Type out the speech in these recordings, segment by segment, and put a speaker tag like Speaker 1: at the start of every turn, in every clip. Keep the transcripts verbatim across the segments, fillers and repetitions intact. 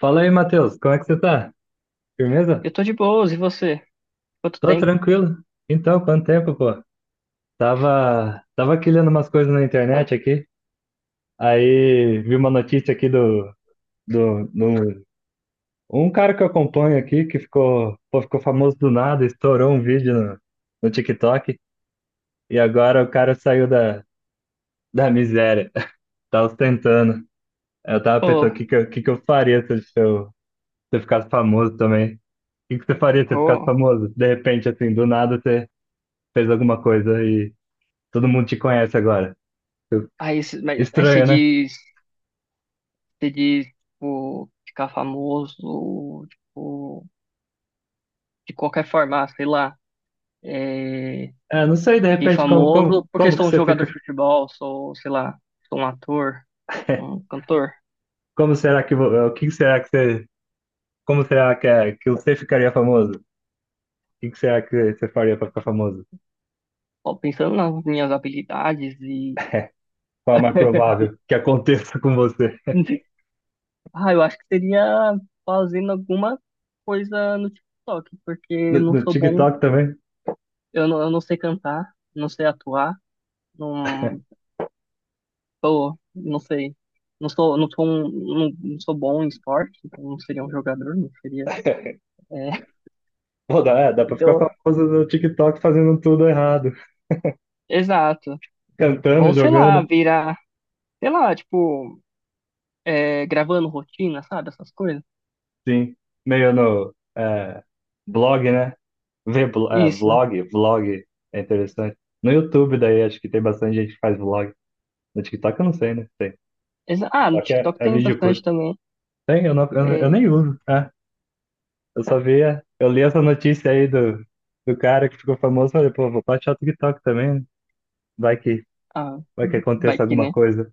Speaker 1: Fala aí, Matheus, como é que você tá? Firmeza?
Speaker 2: Eu tô de boas, e você? Quanto
Speaker 1: Tô
Speaker 2: tempo?
Speaker 1: tranquilo. Então, quanto tempo, pô? Tava, tava quilhando umas coisas na internet aqui, aí vi uma notícia aqui do, do, do- um cara que eu acompanho aqui, que ficou, pô, ficou famoso do nada, estourou um vídeo no, no TikTok, e agora o cara saiu da, da miséria, tá ostentando. Eu tava pensando,
Speaker 2: Oh,
Speaker 1: o que que eu, que que eu faria se eu, se eu se eu ficasse famoso também? O que que você faria se você ficasse
Speaker 2: oh.
Speaker 1: famoso? De repente, assim, do nada, você fez alguma coisa e todo mundo te conhece agora. Eu-
Speaker 2: Aí, cê- mas- aí você
Speaker 1: Estranho, né?
Speaker 2: diz, você diz, tipo, ficar famoso, tipo, de qualquer forma, ah, sei lá. É,
Speaker 1: É, não sei, de
Speaker 2: fiquei
Speaker 1: repente, como, como,
Speaker 2: famoso porque
Speaker 1: como que
Speaker 2: sou um
Speaker 1: você
Speaker 2: jogador
Speaker 1: fica.
Speaker 2: de futebol, sou, sei lá, sou um ator, um cantor.
Speaker 1: Como será que. Vo- O que será que você. Como será que, é, que você ficaria famoso? O que que será que você faria para ficar famoso?
Speaker 2: Ó, pensando nas minhas habilidades e...
Speaker 1: Qual é o mais provável que aconteça com você?
Speaker 2: Ah, eu acho que seria fazendo alguma coisa no TikTok, porque eu
Speaker 1: No,
Speaker 2: não
Speaker 1: no
Speaker 2: sou bom,
Speaker 1: TikTok também?
Speaker 2: eu não, eu não sei cantar, não sei atuar. Não, tô, não sei. Não sou, não sou um, não, não sou bom em esporte, então não seria um jogador, não seria. É,
Speaker 1: Pô, dá, é, dá pra ficar
Speaker 2: então,
Speaker 1: famoso no TikTok fazendo tudo errado.
Speaker 2: exato.
Speaker 1: Cantando,
Speaker 2: Ou sei lá,
Speaker 1: jogando.
Speaker 2: virar, sei lá, tipo, é, gravando rotina, sabe? Essas coisas.
Speaker 1: Sim. Meio no é, blog, né? Ver blo- é,
Speaker 2: Isso.
Speaker 1: vlog, vlog é interessante. No YouTube, daí acho que tem bastante gente que faz vlog. No TikTok eu não sei, né? Tem.
Speaker 2: Exa- ah, no
Speaker 1: TikTok é,
Speaker 2: TikTok
Speaker 1: é
Speaker 2: tem
Speaker 1: vídeo curto.
Speaker 2: bastante também.
Speaker 1: Tem, eu, não, eu, eu nem
Speaker 2: É,
Speaker 1: uso. É, eu só via, eu li essa notícia aí do, do cara que ficou famoso, falei, pô, vou baixar o TikTok também, né? Vai que,
Speaker 2: ah,
Speaker 1: vai que
Speaker 2: vai
Speaker 1: aconteça
Speaker 2: que,
Speaker 1: alguma
Speaker 2: né?
Speaker 1: coisa.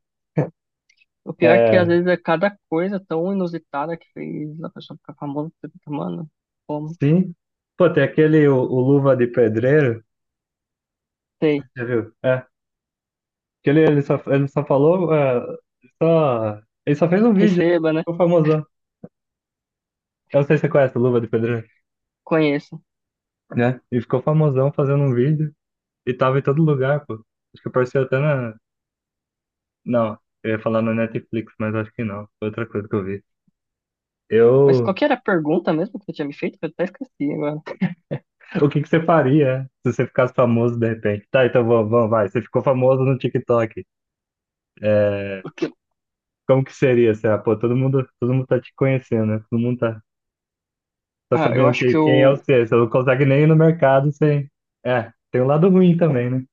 Speaker 2: O pior é que às
Speaker 1: É,
Speaker 2: vezes é cada coisa tão inusitada que fez a pessoa ficar famosa, você fica, mano, como?
Speaker 1: sim. Pô, tem aquele, o, o Luva de Pedreiro,
Speaker 2: Sei.
Speaker 1: já viu? É, que ele, ele só, ele só falou, é, só, ele só fez um vídeo, né?
Speaker 2: Receba, né?
Speaker 1: Ficou famoso. Eu não sei se você conhece o Luva de Pedreiro,
Speaker 2: Conheço.
Speaker 1: né? Ele ficou famosão fazendo um vídeo e tava em todo lugar, pô. Acho que apareceu até na. Não, eu ia falar na Netflix, mas acho que não. Foi outra coisa que eu vi.
Speaker 2: Mas qual
Speaker 1: Eu.
Speaker 2: que era a pergunta mesmo que você tinha me feito? Que eu até esqueci agora.
Speaker 1: O que que você faria se você ficasse famoso de repente? Tá, então vamos, vamos, vai. Você ficou famoso no TikTok. É...
Speaker 2: O que-
Speaker 1: Como que seria? Você, ah, pô, todo mundo, todo mundo tá te conhecendo, né? Todo mundo tá, tá
Speaker 2: Ah, eu
Speaker 1: sabendo
Speaker 2: acho
Speaker 1: que,
Speaker 2: que
Speaker 1: quem é
Speaker 2: o.
Speaker 1: você. Você não consegue nem ir no mercado sem. É, tem um lado ruim também, né?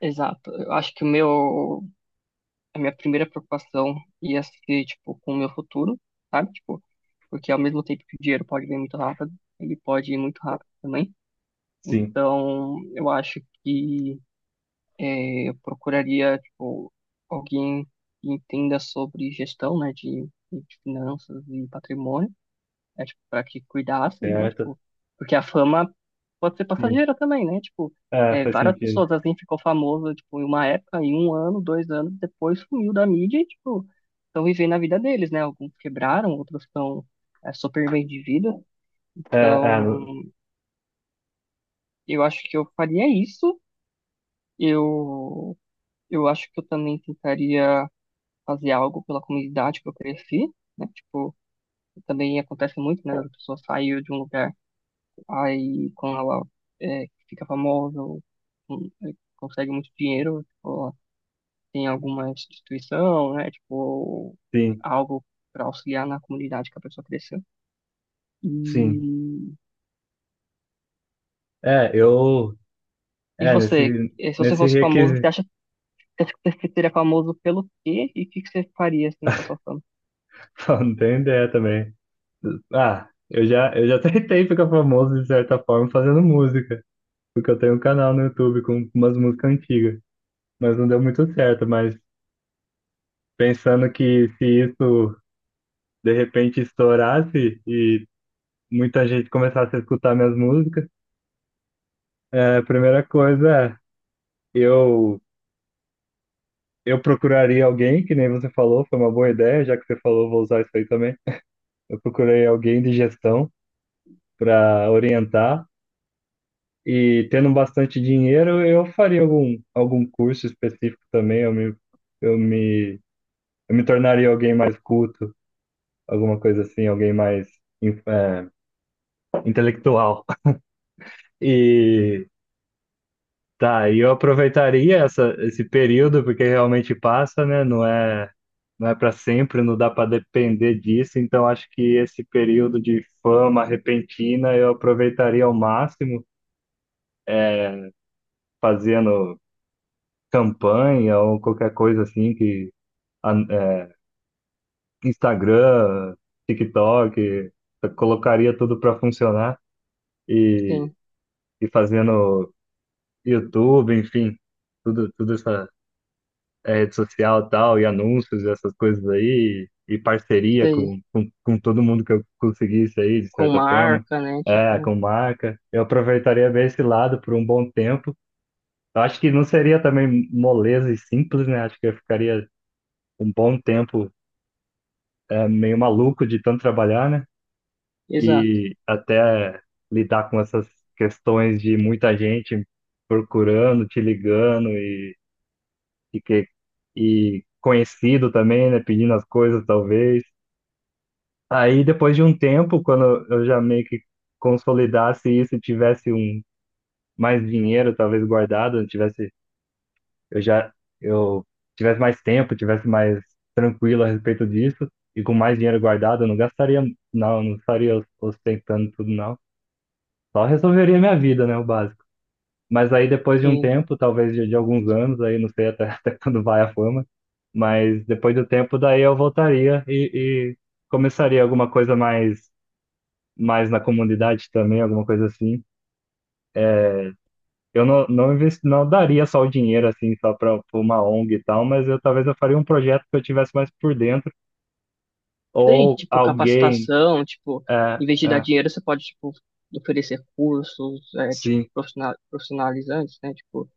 Speaker 2: Exato. Eu acho que o meu. A minha primeira preocupação ia ser, tipo, com o meu futuro, sabe? Tipo, porque ao mesmo tempo que o dinheiro pode vir muito rápido, ele pode ir muito rápido também.
Speaker 1: Sim,
Speaker 2: Então, eu acho que é, eu procuraria, tipo, alguém que entenda sobre gestão, né, de, de finanças e patrimônio. Né, tipo, para que cuidassem, né,
Speaker 1: certo.
Speaker 2: tipo, porque a fama pode ser
Speaker 1: Sim.
Speaker 2: passageira também, né, tipo,
Speaker 1: É,
Speaker 2: é,
Speaker 1: faz
Speaker 2: várias
Speaker 1: sentido.
Speaker 2: pessoas assim ficou famosa, tipo, em uma época, em um ano, dois anos, depois sumiu da mídia e, tipo, estão vivendo a vida deles, né, alguns quebraram, outros estão é, super bem de vida,
Speaker 1: É, é,
Speaker 2: então, eu acho que eu faria isso, eu, eu acho que eu também tentaria fazer algo pela comunidade que eu cresci, né, tipo, também acontece muito, né, das pessoas saírem de um lugar. Aí quando ela é, fica famosa, ou, hum, é, consegue muito dinheiro, tipo, ela tem alguma instituição, né? Tipo,
Speaker 1: sim,
Speaker 2: algo para auxiliar na comunidade que a pessoa cresceu. E,
Speaker 1: sim. É, eu.
Speaker 2: e
Speaker 1: É,
Speaker 2: você,
Speaker 1: nesse,
Speaker 2: eh, se você
Speaker 1: nesse
Speaker 2: fosse famoso, você
Speaker 1: requisito.
Speaker 2: acha que você seria famoso pelo quê? E o que que você faria assim com a sua fama?
Speaker 1: Pô, não tenho ideia também. Ah, eu já, eu já tentei ficar famoso de certa forma fazendo música, porque eu tenho um canal no YouTube com umas músicas antigas, mas não deu muito certo. Mas pensando que se isso de repente estourasse e muita gente começasse a escutar minhas músicas, é, a primeira coisa, é, eu, eu procuraria alguém, que nem você falou, foi uma boa ideia, já que você falou, vou usar isso aí também. Eu procurei alguém de gestão para orientar e tendo bastante dinheiro, eu faria algum, algum curso específico também. Eu me, eu me, eu me tornaria alguém mais culto, alguma coisa assim, alguém mais in- é, intelectual. E tá, e eu aproveitaria essa, esse período porque realmente passa, né? Não é Não é para sempre, não dá para depender disso, então acho que esse período de fama repentina eu aproveitaria ao máximo. É, fazendo campanha ou qualquer coisa assim que a- é, Instagram, TikTok, eu colocaria tudo para funcionar e,
Speaker 2: Sim,
Speaker 1: e fazendo YouTube, enfim, tudo, tudo essa é, rede social e tal, e anúncios, e essas coisas aí, e parceria
Speaker 2: sei.
Speaker 1: com, com, com todo mundo que eu conseguisse aí, de
Speaker 2: Com
Speaker 1: certa forma,
Speaker 2: marca, né?
Speaker 1: é,
Speaker 2: Tipo,
Speaker 1: com marca. Eu aproveitaria bem esse lado por um bom tempo. Eu acho que não seria também moleza e simples, né? Acho que eu ficaria um bom tempo é, meio maluco de tanto trabalhar, né?
Speaker 2: exato.
Speaker 1: E até lidar com essas questões de muita gente procurando, te ligando e, e, que, e conhecido também, né? Pedindo as coisas, talvez. Aí, depois de um tempo, quando eu já meio que consolidasse isso e tivesse um mais dinheiro, talvez guardado, tivesse eu já eu tivesse mais tempo, tivesse mais tranquilo a respeito disso e com mais dinheiro guardado, eu não gastaria, não, não estaria ostentando tudo, não. Só resolveria minha vida, né, o básico. Mas aí depois de um
Speaker 2: Sim.
Speaker 1: tempo, talvez de, de alguns anos, aí não sei até, até quando vai a fama, mas depois do tempo, daí eu voltaria e, e começaria alguma coisa mais, mais na comunidade também, alguma coisa assim. Eu não, não, investi, não daria só o dinheiro, assim, só para uma O N G e tal, mas eu talvez eu faria um projeto que eu tivesse mais por dentro,
Speaker 2: Tem,
Speaker 1: ou
Speaker 2: tipo,
Speaker 1: alguém,
Speaker 2: capacitação, tipo,
Speaker 1: é,
Speaker 2: em vez de dar
Speaker 1: é,
Speaker 2: dinheiro, você pode, tipo, oferecer cursos, é, tipo,
Speaker 1: sim,
Speaker 2: profissional- profissionalizantes, né? Tipo,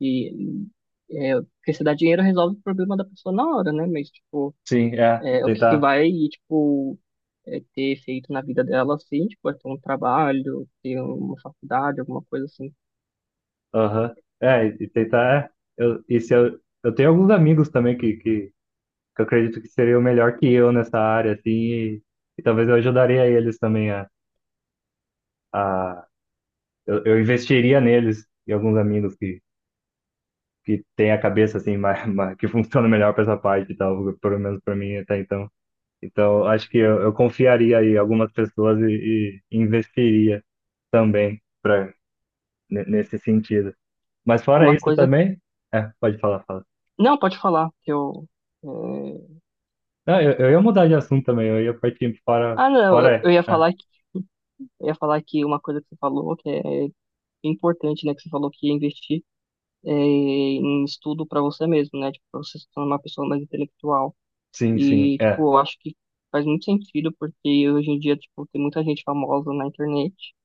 Speaker 2: e, é, porque se dá dinheiro, resolve o problema da pessoa na hora, né? Mas, tipo,
Speaker 1: sim, é,
Speaker 2: é, o que que
Speaker 1: tentar,
Speaker 2: vai, tipo, é, ter efeito na vida dela, assim, tipo, é ter um trabalho, ter uma faculdade, alguma coisa assim.
Speaker 1: aham, é, e e tentar, é, eu, e se eu, eu tenho alguns amigos também que, que, que eu acredito que seriam melhor que eu nessa área, assim, e, e talvez eu ajudaria eles também a, a eu, eu investiria neles e alguns amigos que, que tem a cabeça assim mais, mais- que funciona melhor para essa parte e tal, pelo menos para mim até então. Então, acho que eu, eu confiaria aí em algumas pessoas e, e investiria também para nesse sentido. Mas fora
Speaker 2: Uma
Speaker 1: isso
Speaker 2: coisa...
Speaker 1: também, é, pode falar, fala.
Speaker 2: Não, pode falar, que eu... é,
Speaker 1: Não, eu, eu ia mudar de assunto também, eu ia partir para
Speaker 2: ah, não, eu,
Speaker 1: fora,
Speaker 2: eu ia
Speaker 1: é, é,
Speaker 2: falar que, eu ia falar que uma coisa que você falou, que é importante, né? Que você falou que investir é, em estudo para você mesmo, né? Tipo, para você se tornar uma pessoa mais intelectual.
Speaker 1: sim, sim,
Speaker 2: E,
Speaker 1: é.
Speaker 2: tipo, eu acho que faz muito sentido, porque hoje em dia, tipo, tem muita gente famosa na internet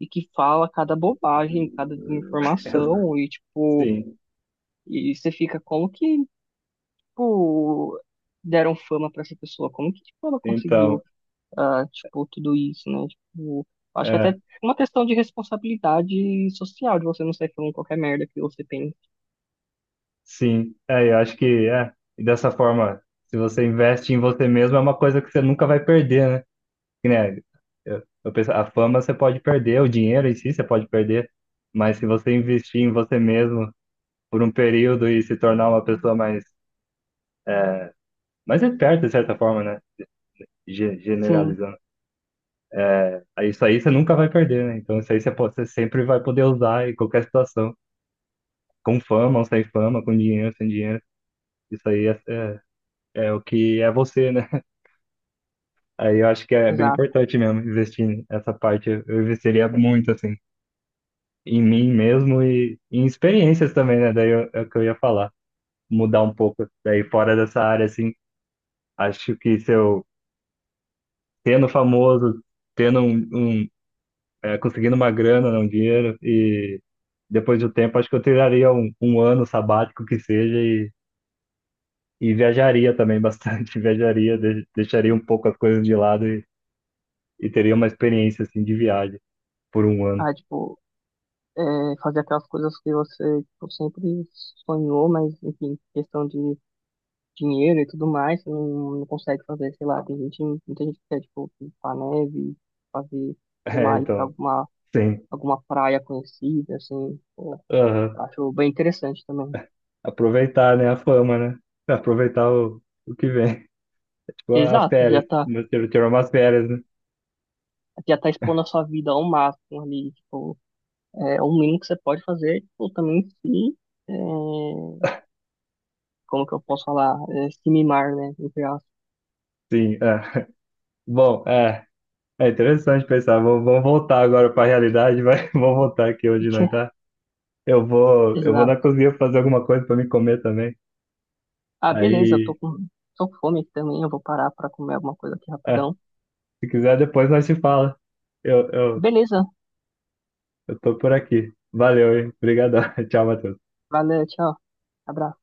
Speaker 2: e que fala cada bobagem, cada desinformação, e, tipo,
Speaker 1: Sim,
Speaker 2: e você fica como que, tipo, deram fama para essa pessoa? Como que, tipo, ela
Speaker 1: então,
Speaker 2: conseguiu, ah, tipo, tudo isso, né? Tipo, acho que
Speaker 1: é,
Speaker 2: até uma questão de responsabilidade social, de você não sair falando qualquer merda que você pensa.
Speaker 1: sim, é, eu acho que é, e dessa forma, se você investe em você mesmo, é uma coisa que você nunca vai perder, né? Que nem eu, eu penso, a fama você pode perder, o dinheiro em si você pode perder, mas se você investir em você mesmo por um período e se tornar uma pessoa mais, mais esperta, de certa forma, né? Ge-
Speaker 2: Sim,
Speaker 1: generalizando. É, aí isso aí você nunca vai perder, né? Então isso aí você, pode, você sempre vai poder usar em qualquer situação, com fama ou sem fama, com dinheiro, sem dinheiro. Isso aí é, é, é o que é você, né? Aí eu acho que é bem
Speaker 2: exato.
Speaker 1: importante mesmo investir nessa parte. Eu investiria muito, assim, em mim mesmo e em experiências também, né? Daí eu- é o que eu ia falar, mudar um pouco daí fora dessa área, assim. Acho que se eu tendo famoso, tendo um, um é, conseguindo uma grana, né, um dinheiro e depois do tempo, acho que eu tiraria um, um ano sabático que seja e, e viajaria também bastante, viajaria, de- deixaria um pouco as coisas de lado e, e teria uma experiência assim de viagem por um ano.
Speaker 2: Ah, tipo, é, fazer aquelas coisas que você tipo, sempre sonhou, mas, enfim, questão de dinheiro e tudo mais, você não, não consegue fazer, sei lá, tem gente, muita gente que quer, tipo, pintar neve, fazer, sei
Speaker 1: É,
Speaker 2: lá, ir pra
Speaker 1: então,
Speaker 2: alguma,
Speaker 1: sim.
Speaker 2: alguma praia conhecida, assim, pô,
Speaker 1: Aham.
Speaker 2: eu acho bem interessante também.
Speaker 1: Aproveitar, né, a fama, né? Aproveitar o, o que vem. Tipo, as
Speaker 2: Exato, já
Speaker 1: férias.
Speaker 2: tá,
Speaker 1: Mas teve- Tirou umas férias, né?
Speaker 2: já tá expondo a sua vida ao máximo ali, tipo, é, o mínimo que você pode fazer, tipo, também se, é, como que eu posso falar, é, se mimar, né, entre aspas,
Speaker 1: Sim, é. Bom, é. É interessante pensar. Vamos, vamos voltar agora para a realidade, vai. Vamos voltar aqui onde nós tá. Eu vou, eu vou
Speaker 2: exato.
Speaker 1: na cozinha fazer alguma coisa para me comer também.
Speaker 2: Ah, beleza, eu tô
Speaker 1: Aí,
Speaker 2: com, tô com fome aqui também. Eu vou parar pra comer alguma coisa aqui
Speaker 1: é,
Speaker 2: rapidão.
Speaker 1: se quiser, depois nós se fala. Eu, eu,
Speaker 2: Beleza,
Speaker 1: eu tô por aqui. Valeu, hein? Obrigadão. Tchau, Matheus.
Speaker 2: valeu, tchau, abraço.